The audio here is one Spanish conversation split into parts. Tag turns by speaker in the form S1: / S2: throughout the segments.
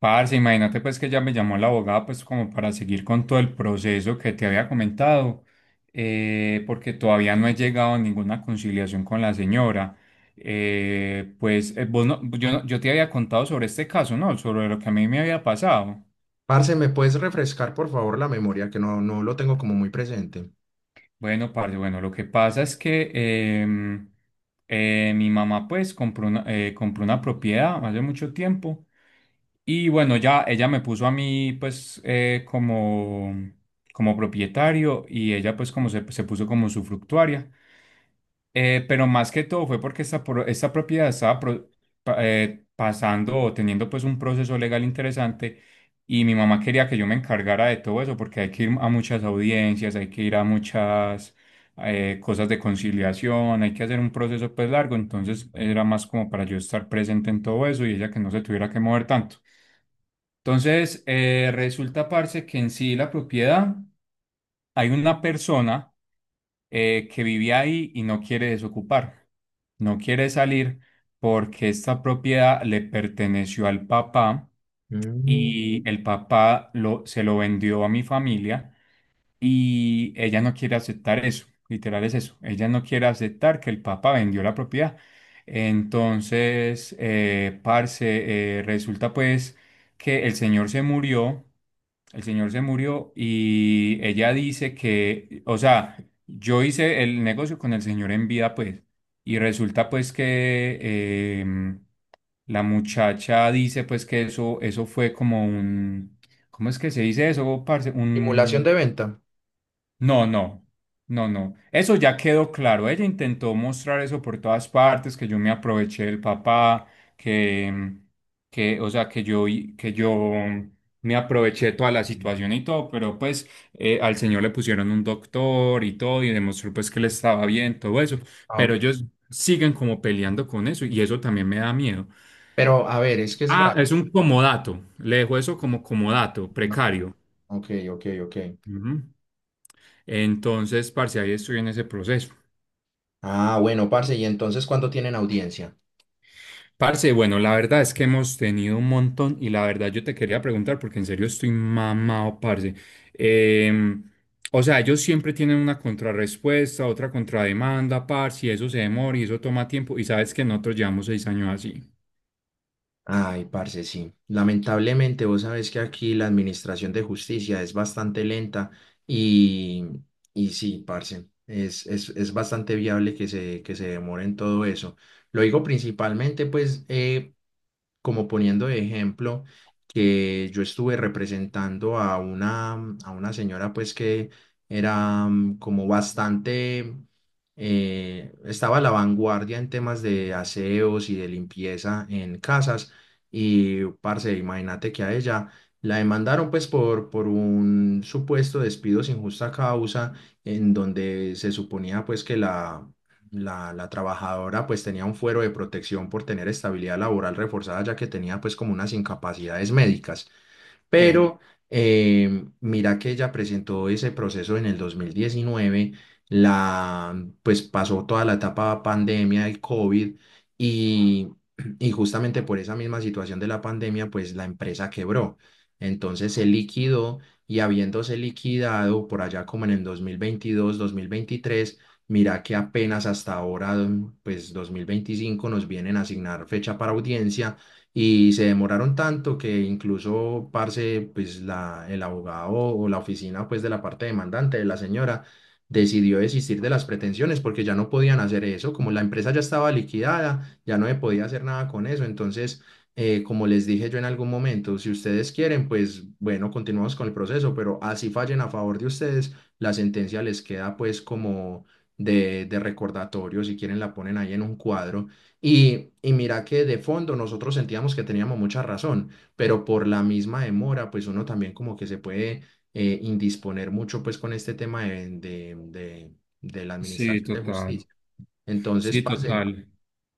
S1: Parce, imagínate pues que ya me llamó la abogada pues como para seguir con todo el proceso que te había comentado, porque todavía no he llegado a ninguna conciliación con la señora. Pues vos no- yo te había contado sobre este caso, ¿no? Sobre lo que a mí me había pasado.
S2: Parce, ¿me puedes refrescar por favor la memoria? Que no, no lo tengo como muy presente.
S1: Bueno, parce, bueno, lo que pasa es que mi mamá pues compró una propiedad hace mucho tiempo y bueno, ya ella me puso a mí pues como, como propietario y ella pues como se puso como usufructuaria. Pero más que todo fue porque esta propiedad estaba pasando o teniendo pues un proceso legal interesante y mi mamá quería que yo me encargara de todo eso porque hay que ir a muchas audiencias, hay que ir a muchas cosas de conciliación, hay que hacer un proceso pues largo, entonces era más como para yo estar presente en todo eso y ella que no se tuviera que mover tanto. Entonces, resulta, parce, que en sí la propiedad, hay una persona que vivía ahí y no quiere desocupar, no quiere salir porque esta propiedad le perteneció al papá
S2: Mm,
S1: y se lo vendió a mi familia. Y ella no quiere aceptar eso, literal es eso. Ella no quiere aceptar que el papá vendió la propiedad. Entonces, parce, resulta pues que el señor se murió, el señor se murió y ella dice que, o sea, yo hice el negocio con el señor en vida pues, y resulta pues que la muchacha dice pues que eso fue como un, ¿cómo es que se dice eso, parce?
S2: simulación
S1: Un
S2: de venta.
S1: no, no, no, no. Eso ya quedó claro. Ella intentó mostrar eso por todas partes, que yo me aproveché del papá, que, que, o sea, que yo me aproveché de toda la situación y todo, pero pues al señor le pusieron un doctor y todo y demostró pues que le estaba bien, todo eso.
S2: Ah,
S1: Pero
S2: ok.
S1: ellos siguen como peleando con eso y eso también me da miedo.
S2: Pero a ver, es que es
S1: Ah,
S2: raro.
S1: es un comodato. Le dejo eso como comodato,
S2: ¿No?
S1: precario.
S2: Ok, ok, ok.
S1: Ujú. Entonces, parce, ahí estoy en ese proceso.
S2: Ah, bueno, parce, ¿y entonces cuándo tienen audiencia?
S1: Parce, bueno, la verdad es que hemos tenido un montón y la verdad yo te quería preguntar porque en serio estoy mamado, parce. Em, o sea, ellos siempre tienen una contrarrespuesta, otra contrademanda, parce, y eso se demora y eso toma tiempo y sabes que nosotros llevamos 6 años así.
S2: Ay, parce, sí. Lamentablemente, vos sabés que aquí la administración de justicia es bastante lenta y, y sí, parce, es bastante viable que se demore en todo eso. Lo digo principalmente, pues, como poniendo de ejemplo que yo estuve representando a una señora pues que era como bastante, estaba a la vanguardia en temas de aseos y de limpieza en casas y parce, imagínate que a ella la demandaron pues por un supuesto despido sin justa causa en donde se suponía pues que la trabajadora pues tenía un fuero de protección por tener estabilidad laboral reforzada, ya que tenía pues como unas incapacidades médicas.
S1: Sí,
S2: Pero mira que ella presentó ese proceso en el 2019. La pues pasó toda la etapa pandemia del COVID y, y justamente por esa misma situación de la pandemia, pues la empresa quebró. Entonces se liquidó y habiéndose liquidado por allá como en el dos mil veintidós 2023, mira que apenas hasta ahora, pues 2025 nos vienen a asignar fecha para audiencia y se demoraron tanto que incluso, parce, pues el abogado o la oficina pues de la parte demandante de la señora decidió desistir de las pretensiones porque ya no podían hacer eso, como la empresa ya estaba liquidada, ya no se podía hacer nada con eso. Entonces, como les dije yo en algún momento, si ustedes quieren, pues bueno, continuamos con el proceso, pero así fallen a favor de ustedes, la sentencia les queda pues como de recordatorio; si quieren la ponen ahí en un cuadro y mira que de fondo nosotros sentíamos que teníamos mucha razón, pero por la misma demora, pues uno también como que se puede indisponer mucho pues con este tema de la
S1: sí,
S2: administración de
S1: total.
S2: justicia. Entonces,
S1: Sí,
S2: parce,
S1: total.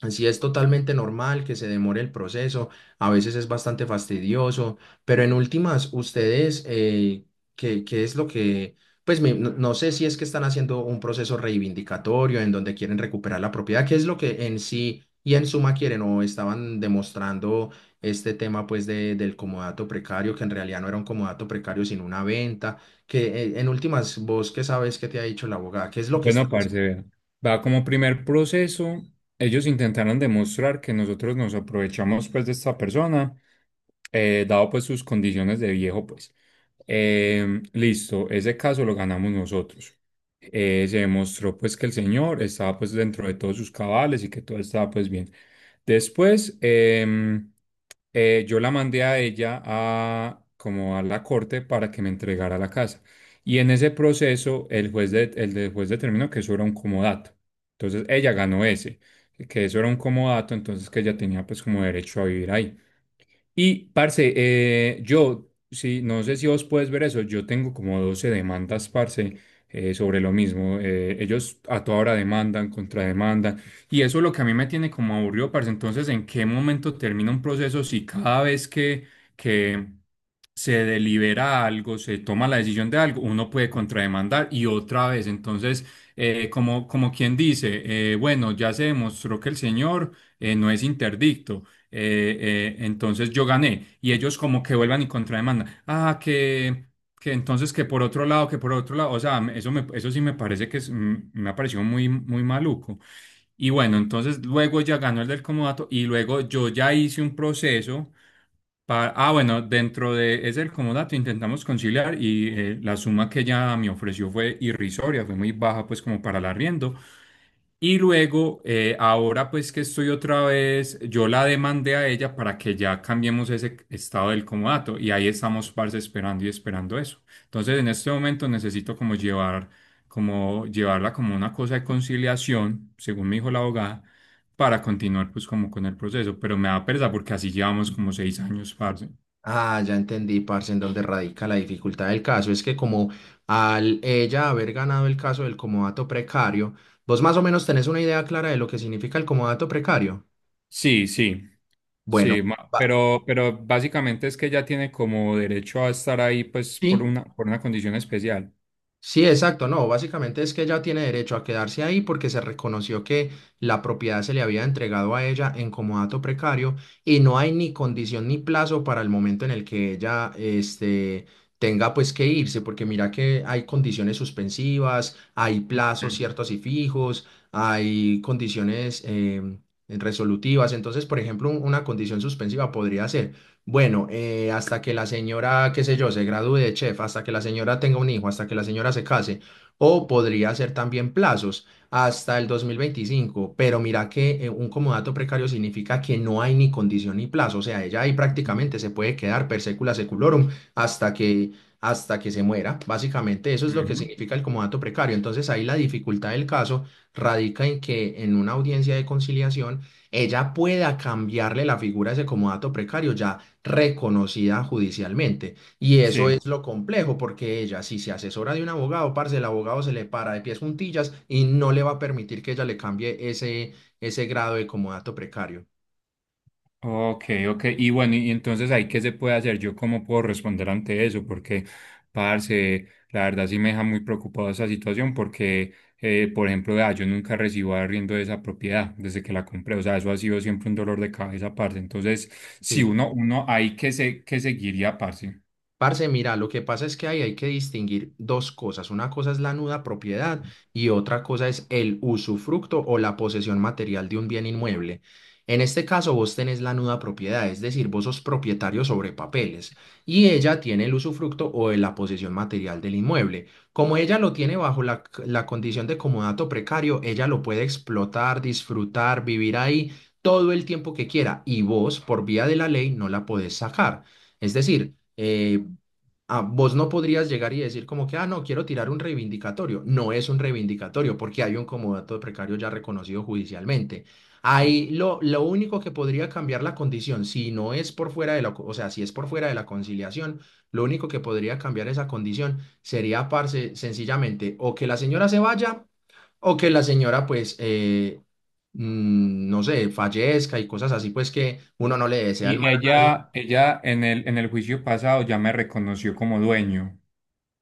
S2: así es totalmente normal que se demore el proceso, a veces es bastante fastidioso, pero en últimas, ustedes, ¿qué es lo que, pues no, no sé si es que están haciendo un proceso reivindicatorio en donde quieren recuperar la propiedad, qué es lo que en sí y en suma quieren o estaban demostrando este tema pues del comodato precario, que en realidad no era un comodato precario sino una venta, que en últimas, vos qué sabes que te ha dicho la abogada, qué es lo que...
S1: Bueno, parce, vea. Va como primer proceso. Ellos intentaron demostrar que nosotros nos aprovechamos pues de esta persona dado pues sus condiciones de viejo, pues. Listo, ese caso lo ganamos nosotros. Se demostró pues que el señor estaba pues dentro de todos sus cabales y que todo estaba pues bien. Después, yo la mandé a ella a como a la corte para que me entregara la casa. Y en ese proceso, el juez, de- el de- juez determinó que eso era un comodato. Entonces, ella ganó ese, que eso era un comodato, entonces que ella tenía pues como derecho a vivir ahí. Y, parce, yo, sí, no sé si vos puedes ver eso, yo tengo como 12 demandas, parce, sobre lo mismo. Ellos a toda hora demandan, contrademandan, y eso es lo que a mí me tiene como aburrido, parce. Entonces, ¿en qué momento termina un proceso si cada vez que se delibera algo, se toma la decisión de algo, uno puede contrademandar y otra vez? Entonces, como, como quien dice, bueno, ya se demostró que el señor no es interdicto. Entonces yo gané y ellos como que vuelvan y contrademandan. Ah, que entonces que por otro lado, que por otro lado. Eso, me, eso sí me parece que es, me ha parecido muy, muy maluco. Y bueno, entonces luego ya ganó el del comodato y luego yo ya hice un proceso para... Ah, bueno, dentro de ese del comodato intentamos conciliar y la suma que ella me ofreció fue irrisoria, fue muy baja pues como para el arriendo. Y luego, ahora pues que estoy otra vez, yo la demandé a ella para que ya cambiemos ese estado del comodato y ahí estamos, parce, esperando y esperando eso. Entonces, en este momento necesito como llevar, como llevarla como una cosa de conciliación, según me dijo la abogada, para continuar pues como con el proceso, pero me da pereza porque así llevamos como 6 años, parce.
S2: Ah, ya entendí, parce, en donde radica la dificultad del caso. Es que como al ella haber ganado el caso del comodato precario, vos más o menos tenés una idea clara de lo que significa el comodato precario.
S1: Sí, sí. Sí,
S2: Bueno,
S1: ma-
S2: va-
S1: pero básicamente es que ella tiene como derecho a estar ahí pues
S2: sí.
S1: por una condición especial.
S2: Sí, exacto, no, básicamente es que ella tiene derecho a quedarse ahí porque se reconoció que la propiedad se le había entregado a ella en comodato precario y no hay ni condición ni plazo para el momento en el que ella este, tenga pues que irse, porque mira que hay condiciones suspensivas, hay plazos
S1: Ujú,
S2: ciertos y fijos, hay condiciones resolutivas. Entonces, por ejemplo, una condición suspensiva podría ser bueno, hasta que la señora, qué sé yo, se gradúe de chef, hasta que la señora tenga un hijo, hasta que la señora se case, o podría ser también plazos hasta el 2025, pero mira que un comodato precario significa que no hay ni condición ni plazo, o sea, ella ahí prácticamente se puede quedar per secula seculorum hasta que, hasta que se muera. Básicamente eso es lo que
S1: ujú.
S2: significa el comodato precario, entonces ahí la dificultad del caso radica en que en una audiencia de conciliación ella pueda cambiarle la figura a ese comodato precario, ya reconocida judicialmente. Y eso
S1: Sí,
S2: es lo complejo, porque ella, si se asesora de un abogado, parce, el abogado se le para de pies juntillas y no le va a permitir que ella le cambie ese, ese grado de comodato precario.
S1: ok, ok. Y bueno, y entonces ahí qué se puede hacer, yo cómo puedo responder ante eso, porque, parce, la verdad sí me deja muy preocupado esa situación, porque, por ejemplo, vea, yo nunca recibo arriendo de esa propiedad desde que la compré, o sea, eso ha sido siempre un dolor de cabeza, parce. Entonces, si
S2: Sí.
S1: uno, uno ahí que seguiría, parce.
S2: Parce, mira, lo que pasa es que ahí hay que distinguir dos cosas. Una cosa es la nuda propiedad y otra cosa es el usufructo o la posesión material de un bien inmueble. En este caso, vos tenés la nuda propiedad, es decir, vos sos propietario sobre papeles y ella tiene el usufructo o de la posesión material del inmueble. Como ella lo tiene bajo la condición de comodato precario, ella lo puede explotar, disfrutar, vivir ahí todo el tiempo que quiera y vos, por vía de la ley, no la podés sacar. Es decir, eh, ah, vos no podrías llegar y decir como que, ah, no, quiero tirar un reivindicatorio. No es un reivindicatorio porque hay un comodato precario ya reconocido judicialmente. Ahí lo único que podría cambiar la condición, si no es por fuera o sea, si es por fuera de la conciliación, lo único que podría cambiar esa condición sería, parce, sencillamente, o que la señora se vaya o que la señora, pues, no sé, fallezca y cosas así, pues que uno no le desea el
S1: Y
S2: mal a nadie.
S1: ella en el juicio pasado ya me reconoció como dueño.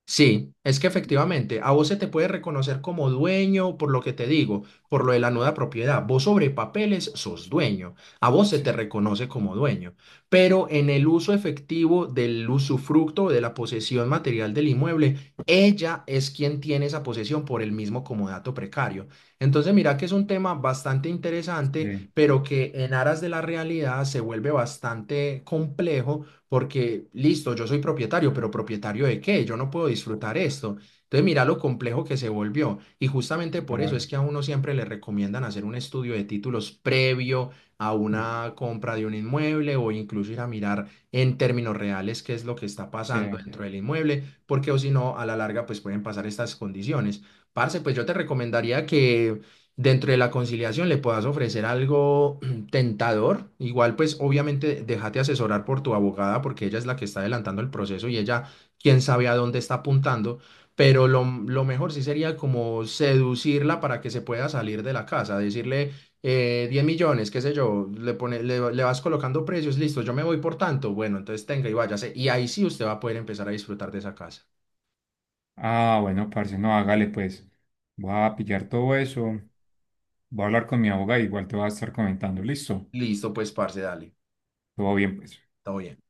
S2: Sí, es que efectivamente a vos se te puede reconocer como dueño por lo que te digo, por lo de la nuda propiedad. Vos sobre papeles sos dueño, a vos se
S1: Sí,
S2: te reconoce como dueño, pero en el uso efectivo del usufructo de la posesión material del inmueble, ella es quien tiene esa posesión por el mismo comodato precario. Entonces mira que es un tema bastante interesante,
S1: sí,
S2: pero que en aras de la realidad se vuelve bastante complejo porque listo, yo soy propietario, pero ¿propietario de qué? Yo no puedo disfrutar esto. Entonces, mira lo complejo que se volvió. Y justamente por eso
S1: total.
S2: es que a uno siempre le recomiendan hacer un estudio de títulos previo a una compra de un inmueble o incluso ir a mirar en términos reales qué es lo que está
S1: Sí.
S2: pasando dentro del inmueble, porque o si no, a la larga, pues pueden pasar estas condiciones. Parce, pues yo te recomendaría que dentro de la conciliación le puedas ofrecer algo tentador. Igual, pues obviamente déjate asesorar por tu abogada porque ella es la que está adelantando el proceso y ella quién sabe a dónde está apuntando, pero lo mejor sí sería como seducirla para que se pueda salir de la casa, decirle 10 millones, qué sé yo, pone, le vas colocando precios, listo, yo me voy por tanto, bueno, entonces tenga y váyase y ahí sí usted va a poder empezar a disfrutar de esa casa.
S1: Ah, bueno, parce, no, hágale pues. Voy a pillar todo eso. Voy a hablar con mi abogada, igual te voy a estar comentando. Listo.
S2: Listo, pues parce, dale,
S1: Todo bien, pues.
S2: todo bien.